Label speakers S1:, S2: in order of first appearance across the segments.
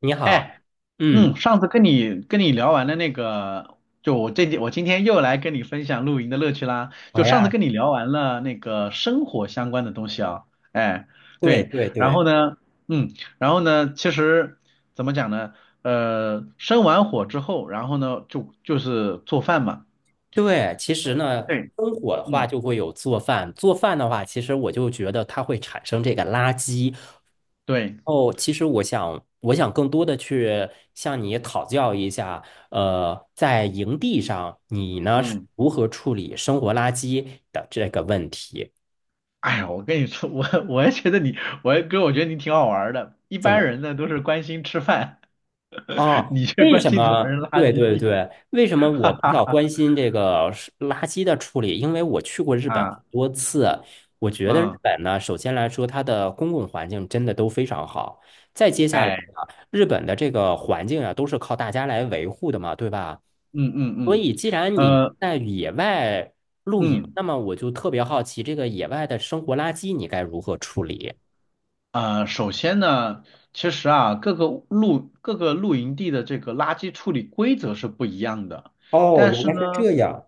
S1: 你好，
S2: 哎，
S1: 嗯，
S2: 嗯，上次跟你聊完了那个，就我今天又来跟你分享露营的乐趣啦。
S1: 好
S2: 就上次
S1: 呀，
S2: 跟你聊完了那个生活相关的东西啊。哎，
S1: 对
S2: 对。
S1: 对
S2: 然
S1: 对
S2: 后呢，嗯，然后呢，其实怎么讲呢？生完火之后，然后呢，就是做饭嘛。
S1: 对，其
S2: 因
S1: 实
S2: 为
S1: 呢，
S2: 对，
S1: 生火的话
S2: 嗯，
S1: 就会有做饭，做饭的话，其实我就觉得它会产生这个垃圾。
S2: 对，
S1: 哦，其实我想更多的去向你讨教一下，在营地上你呢是
S2: 嗯。
S1: 如何处理生活垃圾的这个问题？
S2: 哎呀，我跟你说，我也觉得你，我也哥，我觉得你挺好玩儿的。一
S1: 怎
S2: 般
S1: 么？
S2: 人呢都是关心吃饭。
S1: 哦，
S2: 你这
S1: 为
S2: 关
S1: 什
S2: 心怎么
S1: 么？
S2: 扔垃
S1: 对对
S2: 圾？
S1: 对，为什么
S2: 哈
S1: 我比较
S2: 哈
S1: 关心这个是垃圾的处理？因为我去过日本很
S2: 啊，
S1: 多次，我觉得日
S2: 嗯，
S1: 本呢，首先来说，它的公共环境真的都非常好。再接下来
S2: 哎，
S1: 啊，日本的这个环境啊，都是靠大家来维护的嘛，对吧？
S2: 嗯嗯
S1: 所
S2: 嗯，
S1: 以，既然你
S2: 呃，
S1: 在野外露营，
S2: 嗯
S1: 那么我就特别好奇，这个野外的生活垃圾你该如何处理？
S2: 呃，首先呢，其实啊，各个露营地的这个垃圾处理规则是不一样的。
S1: 哦，
S2: 但
S1: 原
S2: 是
S1: 来是
S2: 呢，
S1: 这样。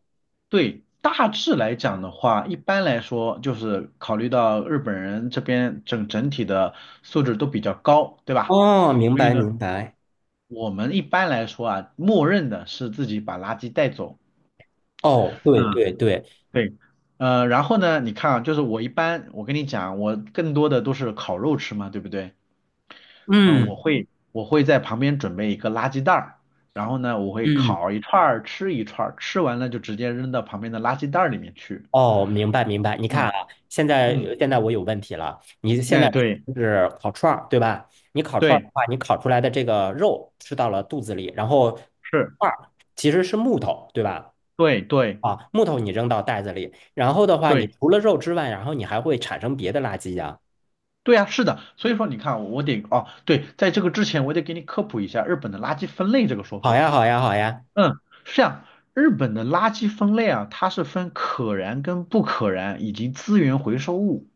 S2: 对，大致来讲的话，一般来说就是考虑到日本人这边整体的素质都比较高，对吧？
S1: 哦，明
S2: 所以
S1: 白
S2: 呢，
S1: 明白。
S2: 我们一般来说啊，默认的是自己把垃圾带走。
S1: 哦，对
S2: 嗯，
S1: 对对，
S2: 对，然后呢，你看啊，就是我一般，我跟你讲啊，我更多的都是烤肉吃嘛，对不对？啊、我
S1: 嗯
S2: 会我会在旁边准备一个垃圾袋儿，然后呢，我会
S1: 嗯，
S2: 烤一串儿，吃一串儿，吃完了就直接扔到旁边的垃圾袋儿里面去。
S1: 哦，明白明白。你看
S2: 嗯
S1: 啊，现在
S2: 嗯，
S1: 我有问题了。你现在
S2: 那对
S1: 是烤串儿，对吧？你烤串儿的
S2: 对
S1: 话，你烤出来的这个肉吃到了肚子里，然后
S2: 是，
S1: 串儿其实是木头，对吧？
S2: 对对
S1: 啊，木头你扔到袋子里，然后的话，你
S2: 对
S1: 除了肉之外，然后你还会产生别的垃圾呀。
S2: 对啊，是的。所以说你看啊，哦，对，在这个之前我得给你科普一下日本的垃圾分类这个说
S1: 好
S2: 法。
S1: 呀，好呀，好呀。
S2: 嗯，是这样。日本的垃圾分类啊，它是分可燃跟不可燃，以及资源回收物。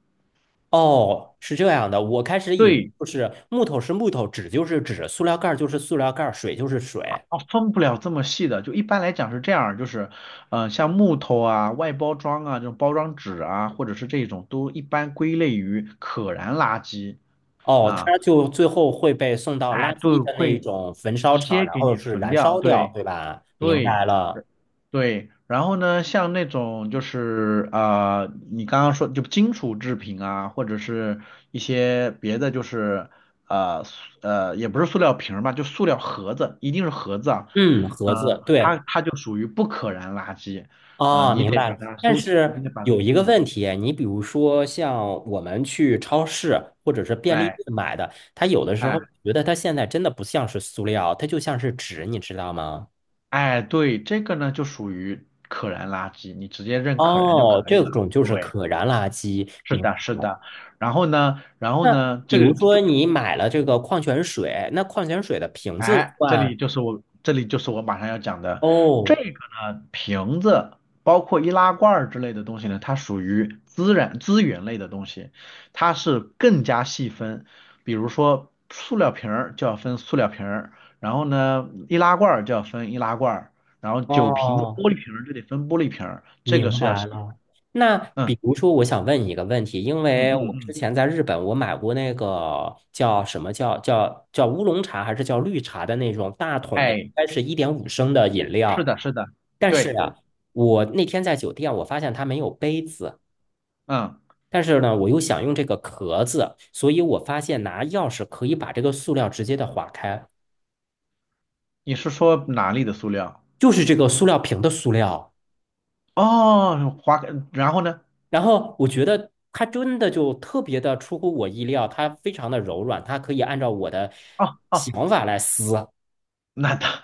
S1: 哦，是这样的，我开始以为
S2: 对，
S1: 就是木头是木头，纸就是纸，塑料盖儿就是塑料盖儿，水就是水。
S2: 啊，分不了这么细的。就一般来讲是这样，就是，像木头啊、外包装啊、这种包装纸啊，或者是这种，都一般归类于可燃垃圾
S1: 哦，
S2: 啊。
S1: 它就最后会被送到垃
S2: 哎，对，
S1: 圾的那
S2: 会
S1: 种焚烧
S2: 直
S1: 厂，
S2: 接
S1: 然
S2: 给
S1: 后
S2: 你
S1: 是
S2: 焚
S1: 燃
S2: 掉。
S1: 烧掉，
S2: 对
S1: 对吧？明
S2: 对，
S1: 白了。
S2: 对。然后呢，像那种就是啊、你刚刚说就金属制品啊，或者是一些别的，就是呃塑呃，也不是塑料瓶儿吧，就塑料盒子，一定是盒子啊。
S1: 嗯，盒子，对，
S2: 它就属于不可燃垃圾。啊、
S1: 哦，
S2: 你
S1: 明
S2: 得
S1: 白了。
S2: 把它
S1: 但
S2: 收，你
S1: 是
S2: 得把，
S1: 有一个
S2: 嗯，
S1: 问题，你比如说像我们去超市或者是便利店
S2: 哎
S1: 买的，它有的时
S2: 哎
S1: 候觉得它现在真的不像是塑料，它就像是纸，你知道吗？
S2: 哎，对，这个呢就属于可燃垃圾，你直接认可燃就
S1: 哦，
S2: 可以
S1: 这
S2: 了。
S1: 种就是
S2: 对。
S1: 可燃垃圾，
S2: 是
S1: 明
S2: 的，
S1: 白
S2: 是
S1: 了。
S2: 的。然后呢，然后
S1: 那
S2: 呢，
S1: 比
S2: 这个
S1: 如说
S2: 就
S1: 你买了这个矿泉水，那矿泉水的瓶子
S2: 哎，
S1: 算。
S2: 这里就是我马上要讲的这
S1: 哦，
S2: 个呢，瓶子包括易拉罐儿之类的东西呢，它属于资源类的东西，它是更加细分，比如说塑料瓶儿就要分塑料瓶儿，然后呢，易拉罐儿就要分易拉罐儿，然后酒瓶子、
S1: 哦，
S2: 玻璃瓶儿就得分玻璃瓶儿，这个
S1: 明
S2: 是要
S1: 白
S2: 细分。
S1: 了。那
S2: 嗯
S1: 比如说，我想问你一个问题，因
S2: 嗯
S1: 为
S2: 嗯
S1: 我之
S2: 嗯，
S1: 前在日本，我买过那个叫什么叫乌龙茶还是叫绿茶的那种大桶的，应
S2: 哎，
S1: 该是1.5升的饮
S2: 是
S1: 料。
S2: 的，是的，
S1: 但是
S2: 对，
S1: 啊，我那天在酒店，我发现它没有杯子，
S2: 嗯。
S1: 但是呢，我又想用这个壳子，所以我发现拿钥匙可以把这个塑料直接的划开，
S2: 你是说哪里的塑料？
S1: 就是这个塑料瓶的塑料。
S2: 哦，花，然后呢？
S1: 然后我觉得它真的就特别的出乎我意料，它非常的柔软，它可以按照我的
S2: 哦哦，
S1: 想法来撕。
S2: 那当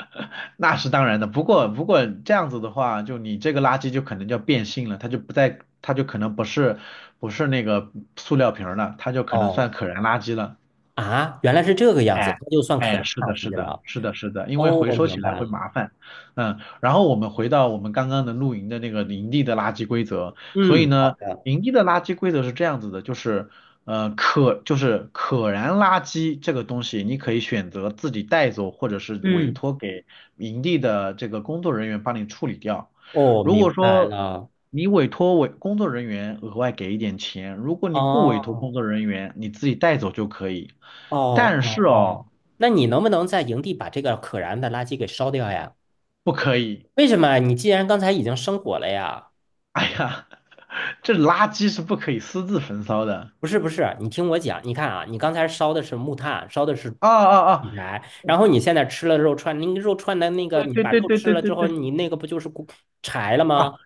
S2: 那是当然的。不过这样子的话，就你这个垃圾就可能叫变性了，它就可能不是那个塑料瓶儿了，它就可能
S1: 哦
S2: 算可燃垃圾了。
S1: 啊，原来是这个样子，
S2: 哎
S1: 它就算可
S2: 哎，
S1: 燃
S2: 是
S1: 垃
S2: 的，是
S1: 圾
S2: 的，
S1: 了。
S2: 是的，是的。因为
S1: 哦，
S2: 回
S1: 我
S2: 收
S1: 明
S2: 起来
S1: 白
S2: 会
S1: 了。
S2: 麻烦。嗯，然后我们回到我们刚刚的露营的那个营地的垃圾规则。所以
S1: 嗯，好
S2: 呢，
S1: 的。
S2: 营地的垃圾规则是这样子的，就是就是可燃垃圾这个东西，你可以选择自己带走，或者是委
S1: 嗯，
S2: 托给营地的这个工作人员帮你处理掉。
S1: 哦，
S2: 如
S1: 明
S2: 果
S1: 白
S2: 说
S1: 了。
S2: 你委托工作人员额外给一点钱，如果你不委托工
S1: 哦
S2: 作人员，你自己带走就可以。
S1: 哦
S2: 但是
S1: 哦哦，
S2: 哦，
S1: 那你能不能在营地把这个可燃的垃圾给烧掉呀？
S2: 不可以。
S1: 为什么啊？你既然刚才已经生火了呀？
S2: 哎呀，这垃圾是不可以私自焚烧的。
S1: 不是不是，你听我讲，你看啊，你刚才烧的是木炭，烧的是火
S2: 啊啊啊！
S1: 柴，然后你现在吃了肉串，那个肉串的那个，
S2: 对
S1: 你
S2: 对
S1: 把
S2: 对
S1: 肉
S2: 对
S1: 吃
S2: 对
S1: 了
S2: 对
S1: 之后，
S2: 对，
S1: 你那个不就是骨柴了
S2: 啊，
S1: 吗？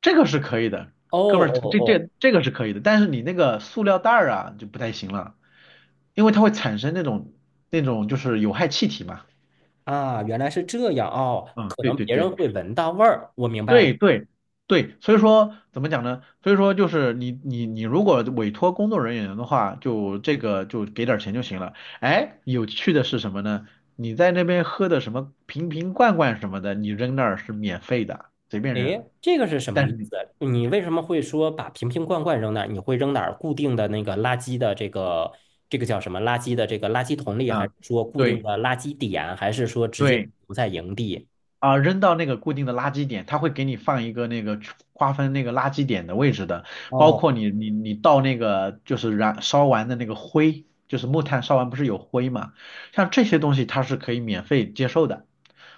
S2: 这个是可以的，
S1: 哦
S2: 哥们儿，
S1: 哦
S2: 这
S1: 哦，
S2: 这这个是可以的，但是你那个塑料袋儿啊就不太行了，因为它会产生那种就是有害气体嘛。
S1: 啊，原来是这样哦，
S2: 嗯，
S1: 可
S2: 对
S1: 能
S2: 对
S1: 别人
S2: 对，
S1: 会闻到味儿，我明白了。
S2: 对对对。所以说怎么讲呢？所以说就是你如果委托工作人员的话，就这个就给点儿钱就行了。哎，有趣的是什么呢？你在那边喝的什么瓶瓶罐罐什么的，你扔那儿是免费的，随便扔。
S1: 诶，这个是什么
S2: 但是
S1: 意
S2: 你
S1: 思？你为什么会说把瓶瓶罐罐扔那儿？你会扔哪儿？固定的那个垃圾的这个这个叫什么？垃圾的这个垃圾桶里，还是
S2: 啊，
S1: 说固定
S2: 对
S1: 的垃圾点，还是说直接
S2: 对。
S1: 留在营地？
S2: 啊，扔到那个固定的垃圾点，它会给你放一个那个区划分那个垃圾点的位置的，包
S1: 哦。
S2: 括你倒那个就是燃烧完的那个灰，就是木炭烧完不是有灰嘛，像这些东西它是可以免费接受的。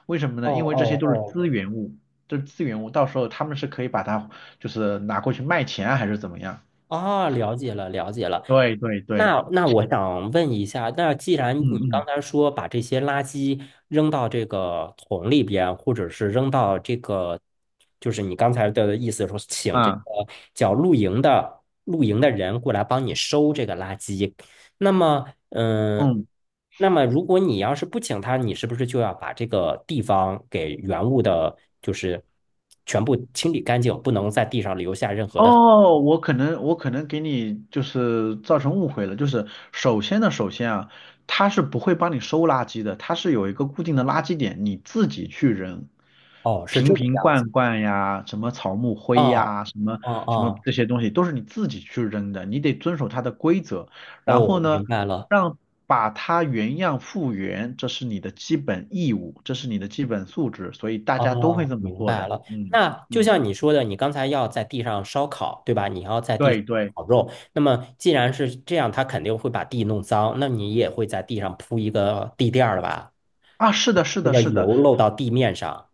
S2: 为什么
S1: 哦
S2: 呢？因为这些
S1: 哦
S2: 都是
S1: 哦，
S2: 资源物，这是资源物，到时候他们是可以把它就是拿过去卖钱啊，还是怎么样？
S1: 啊，了解了，了解了。
S2: 对对对，
S1: 那我想问一下，那既然
S2: 嗯
S1: 你刚
S2: 嗯
S1: 才说把这些垃圾扔到这个桶里边，或者是扔到这个，就是你刚才的意思说，请这个
S2: 啊
S1: 叫露营的人过来帮你收这个垃圾，那么，嗯，
S2: 嗯。
S1: 那么如果你要是不请他，你是不是就要把这个地方给原物的，就是全部清理干净，不能在地上留下任何的
S2: 哦，我可能给你就是造成误会了，就是首先啊，他是不会帮你收垃圾的，它是有一个固定的垃圾点，你自己去扔。
S1: 哦，是
S2: 瓶
S1: 这个
S2: 瓶
S1: 样子。
S2: 罐罐呀，什么草木灰
S1: 啊
S2: 呀，什么
S1: 啊
S2: 什么
S1: 啊！
S2: 这些东西都是你自己去扔的，你得遵守它的规则。然后
S1: 哦，
S2: 呢，
S1: 明白了。
S2: 让把它原样复原，这是你的基本义务，这是你的基本素质，所以大家都会
S1: 哦，
S2: 这么
S1: 明
S2: 做
S1: 白
S2: 的。
S1: 了。
S2: 嗯
S1: 那就
S2: 嗯，
S1: 像你说的，你刚才要在地上烧烤，对吧？你要在地上
S2: 对对。
S1: 烤肉。那么既然是这样，它肯定会把地弄脏，那你也会在地上铺一个地垫儿吧？
S2: 啊，是的，是
S1: 那
S2: 的，
S1: 个
S2: 是的，
S1: 油漏到地面上。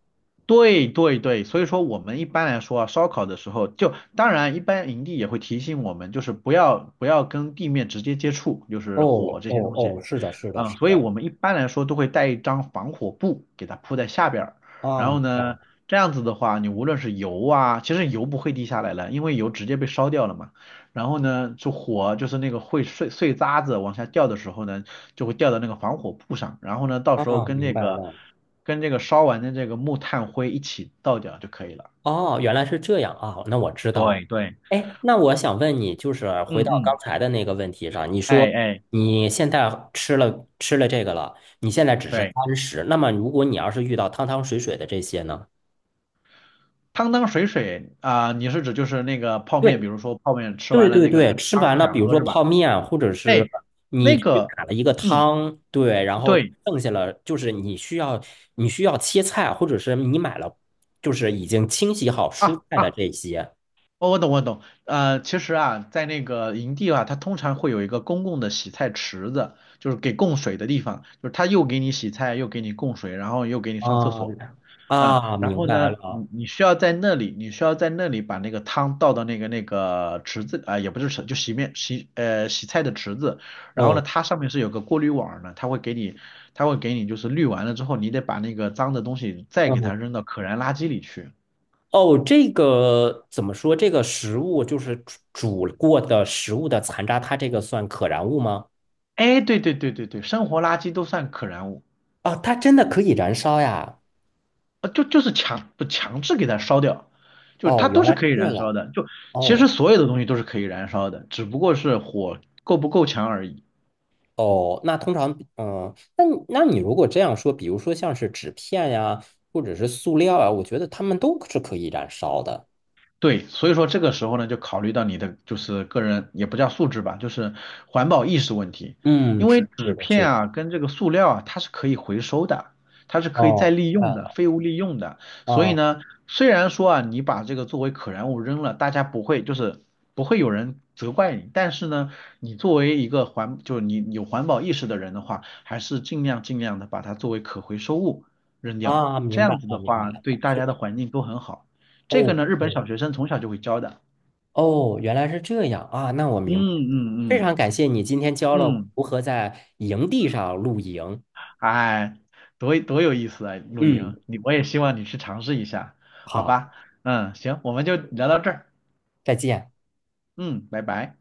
S2: 对对对。所以说我们一般来说啊，烧烤的时候就，当然一般营地也会提醒我们，就是不要跟地面直接接触，就是火
S1: 哦
S2: 这
S1: 哦
S2: 些东西。
S1: 哦，是的，是的，
S2: 啊，
S1: 是
S2: 所以
S1: 的。
S2: 我们一般来说都会带一张防火布给它铺在下边儿，
S1: 啊，
S2: 然后
S1: 明白了。
S2: 呢，这样子的话，你无论是油啊，其实油不会滴下来了，因为油直接被烧掉了嘛。然后呢，就火就是那个会碎碎渣子往下掉的时候呢，就会掉到那个防火布上，然后呢，到时候
S1: 啊，明白了。
S2: 跟这个烧完的这个木炭灰一起倒掉就可以了。
S1: 哦，原来是这样啊，那我知道了。
S2: 对对，
S1: 哎，那我想问你，就是回
S2: 嗯
S1: 到刚
S2: 嗯，
S1: 才的那个问题上，你
S2: 哎
S1: 说
S2: 哎，
S1: 你现在吃了这个了，你现在只是
S2: 对，
S1: 干食，那么如果你要是遇到汤汤水水的这些呢？
S2: 汤汤水水啊、你是指就是那个泡面，
S1: 对
S2: 比如说泡面吃
S1: 对
S2: 完了
S1: 对
S2: 那个
S1: 对，吃
S2: 汤
S1: 完
S2: 不
S1: 了，
S2: 想
S1: 比如
S2: 喝
S1: 说
S2: 是吧？
S1: 泡面，或者是
S2: 哎，
S1: 你
S2: 那
S1: 去
S2: 个，
S1: 打了一个
S2: 嗯，
S1: 汤，对，然后
S2: 对
S1: 剩下了就是你需要切菜，或者是你买了就是已经清洗好蔬
S2: 啊
S1: 菜的
S2: 啊。
S1: 这些
S2: 哦，我懂，我懂。其实啊，在那个营地啊，它通常会有一个公共的洗菜池子，就是给供水的地方，就是它又给你洗菜，又给你供水，然后又给你上厕
S1: 啊
S2: 所。嗯，
S1: 啊，
S2: 然
S1: 明
S2: 后
S1: 白
S2: 呢，
S1: 了
S2: 你需要在那里把那个汤倒到那个池子啊、也不是池，就洗面洗呃洗菜的池子。然后呢，
S1: 哦，
S2: 它上面是有个过滤网的，它会给你就是滤完了之后，你得把那个脏的东西再给
S1: 嗯
S2: 它扔到可燃垃圾里去。
S1: 哦，这个怎么说？这个食物就是煮过的食物的残渣，它这个算可燃物吗？
S2: 哎，对对对对对，生活垃圾都算可燃物。
S1: 啊，它真的可以燃烧呀！
S2: 就是强不强制给它烧掉，就是
S1: 哦，
S2: 它
S1: 原
S2: 都是
S1: 来
S2: 可
S1: 是
S2: 以
S1: 这
S2: 燃
S1: 样。
S2: 烧的，其实
S1: 哦
S2: 所有的东西都是可以燃烧的，只不过是火够不够强而已。
S1: 哦，那通常，嗯，那你那你如果这样说，比如说像是纸片呀，或者是塑料啊，我觉得它们都是可以燃烧的。
S2: 对，所以说这个时候呢，就考虑到你的就是个人也不叫素质吧，就是环保意识问题。因
S1: 嗯，
S2: 为
S1: 是是
S2: 纸
S1: 的，是
S2: 片
S1: 的。
S2: 啊跟这个塑料啊，它是可以回收的，它是可以再
S1: 哦，明
S2: 利
S1: 白
S2: 用的，
S1: 了。
S2: 废物利用的。所以
S1: 啊
S2: 呢，虽然说啊你把这个作为可燃物扔了，大家不会就是不会有人责怪你，但是呢，你作为一个环就是你有环保意识的人的话，还是尽量的把它作为可回收物扔掉，
S1: 啊，
S2: 这
S1: 明白
S2: 样子
S1: 了，
S2: 的
S1: 明白
S2: 话
S1: 了。
S2: 对大家的环境都很好。这个
S1: 哦
S2: 呢，日本
S1: 哦
S2: 小学生从小就会教的。
S1: 哦，原来是这样啊，那我
S2: 嗯
S1: 明白了。非
S2: 嗯
S1: 常感谢你今天教了我
S2: 嗯嗯，
S1: 如何在营地上露营。
S2: 哎，多多有意思啊！露
S1: 嗯，
S2: 营，我也希望你去尝试一下，好
S1: 好，
S2: 吧？嗯，行，我们就聊到这儿。
S1: 再见。
S2: 嗯，拜拜。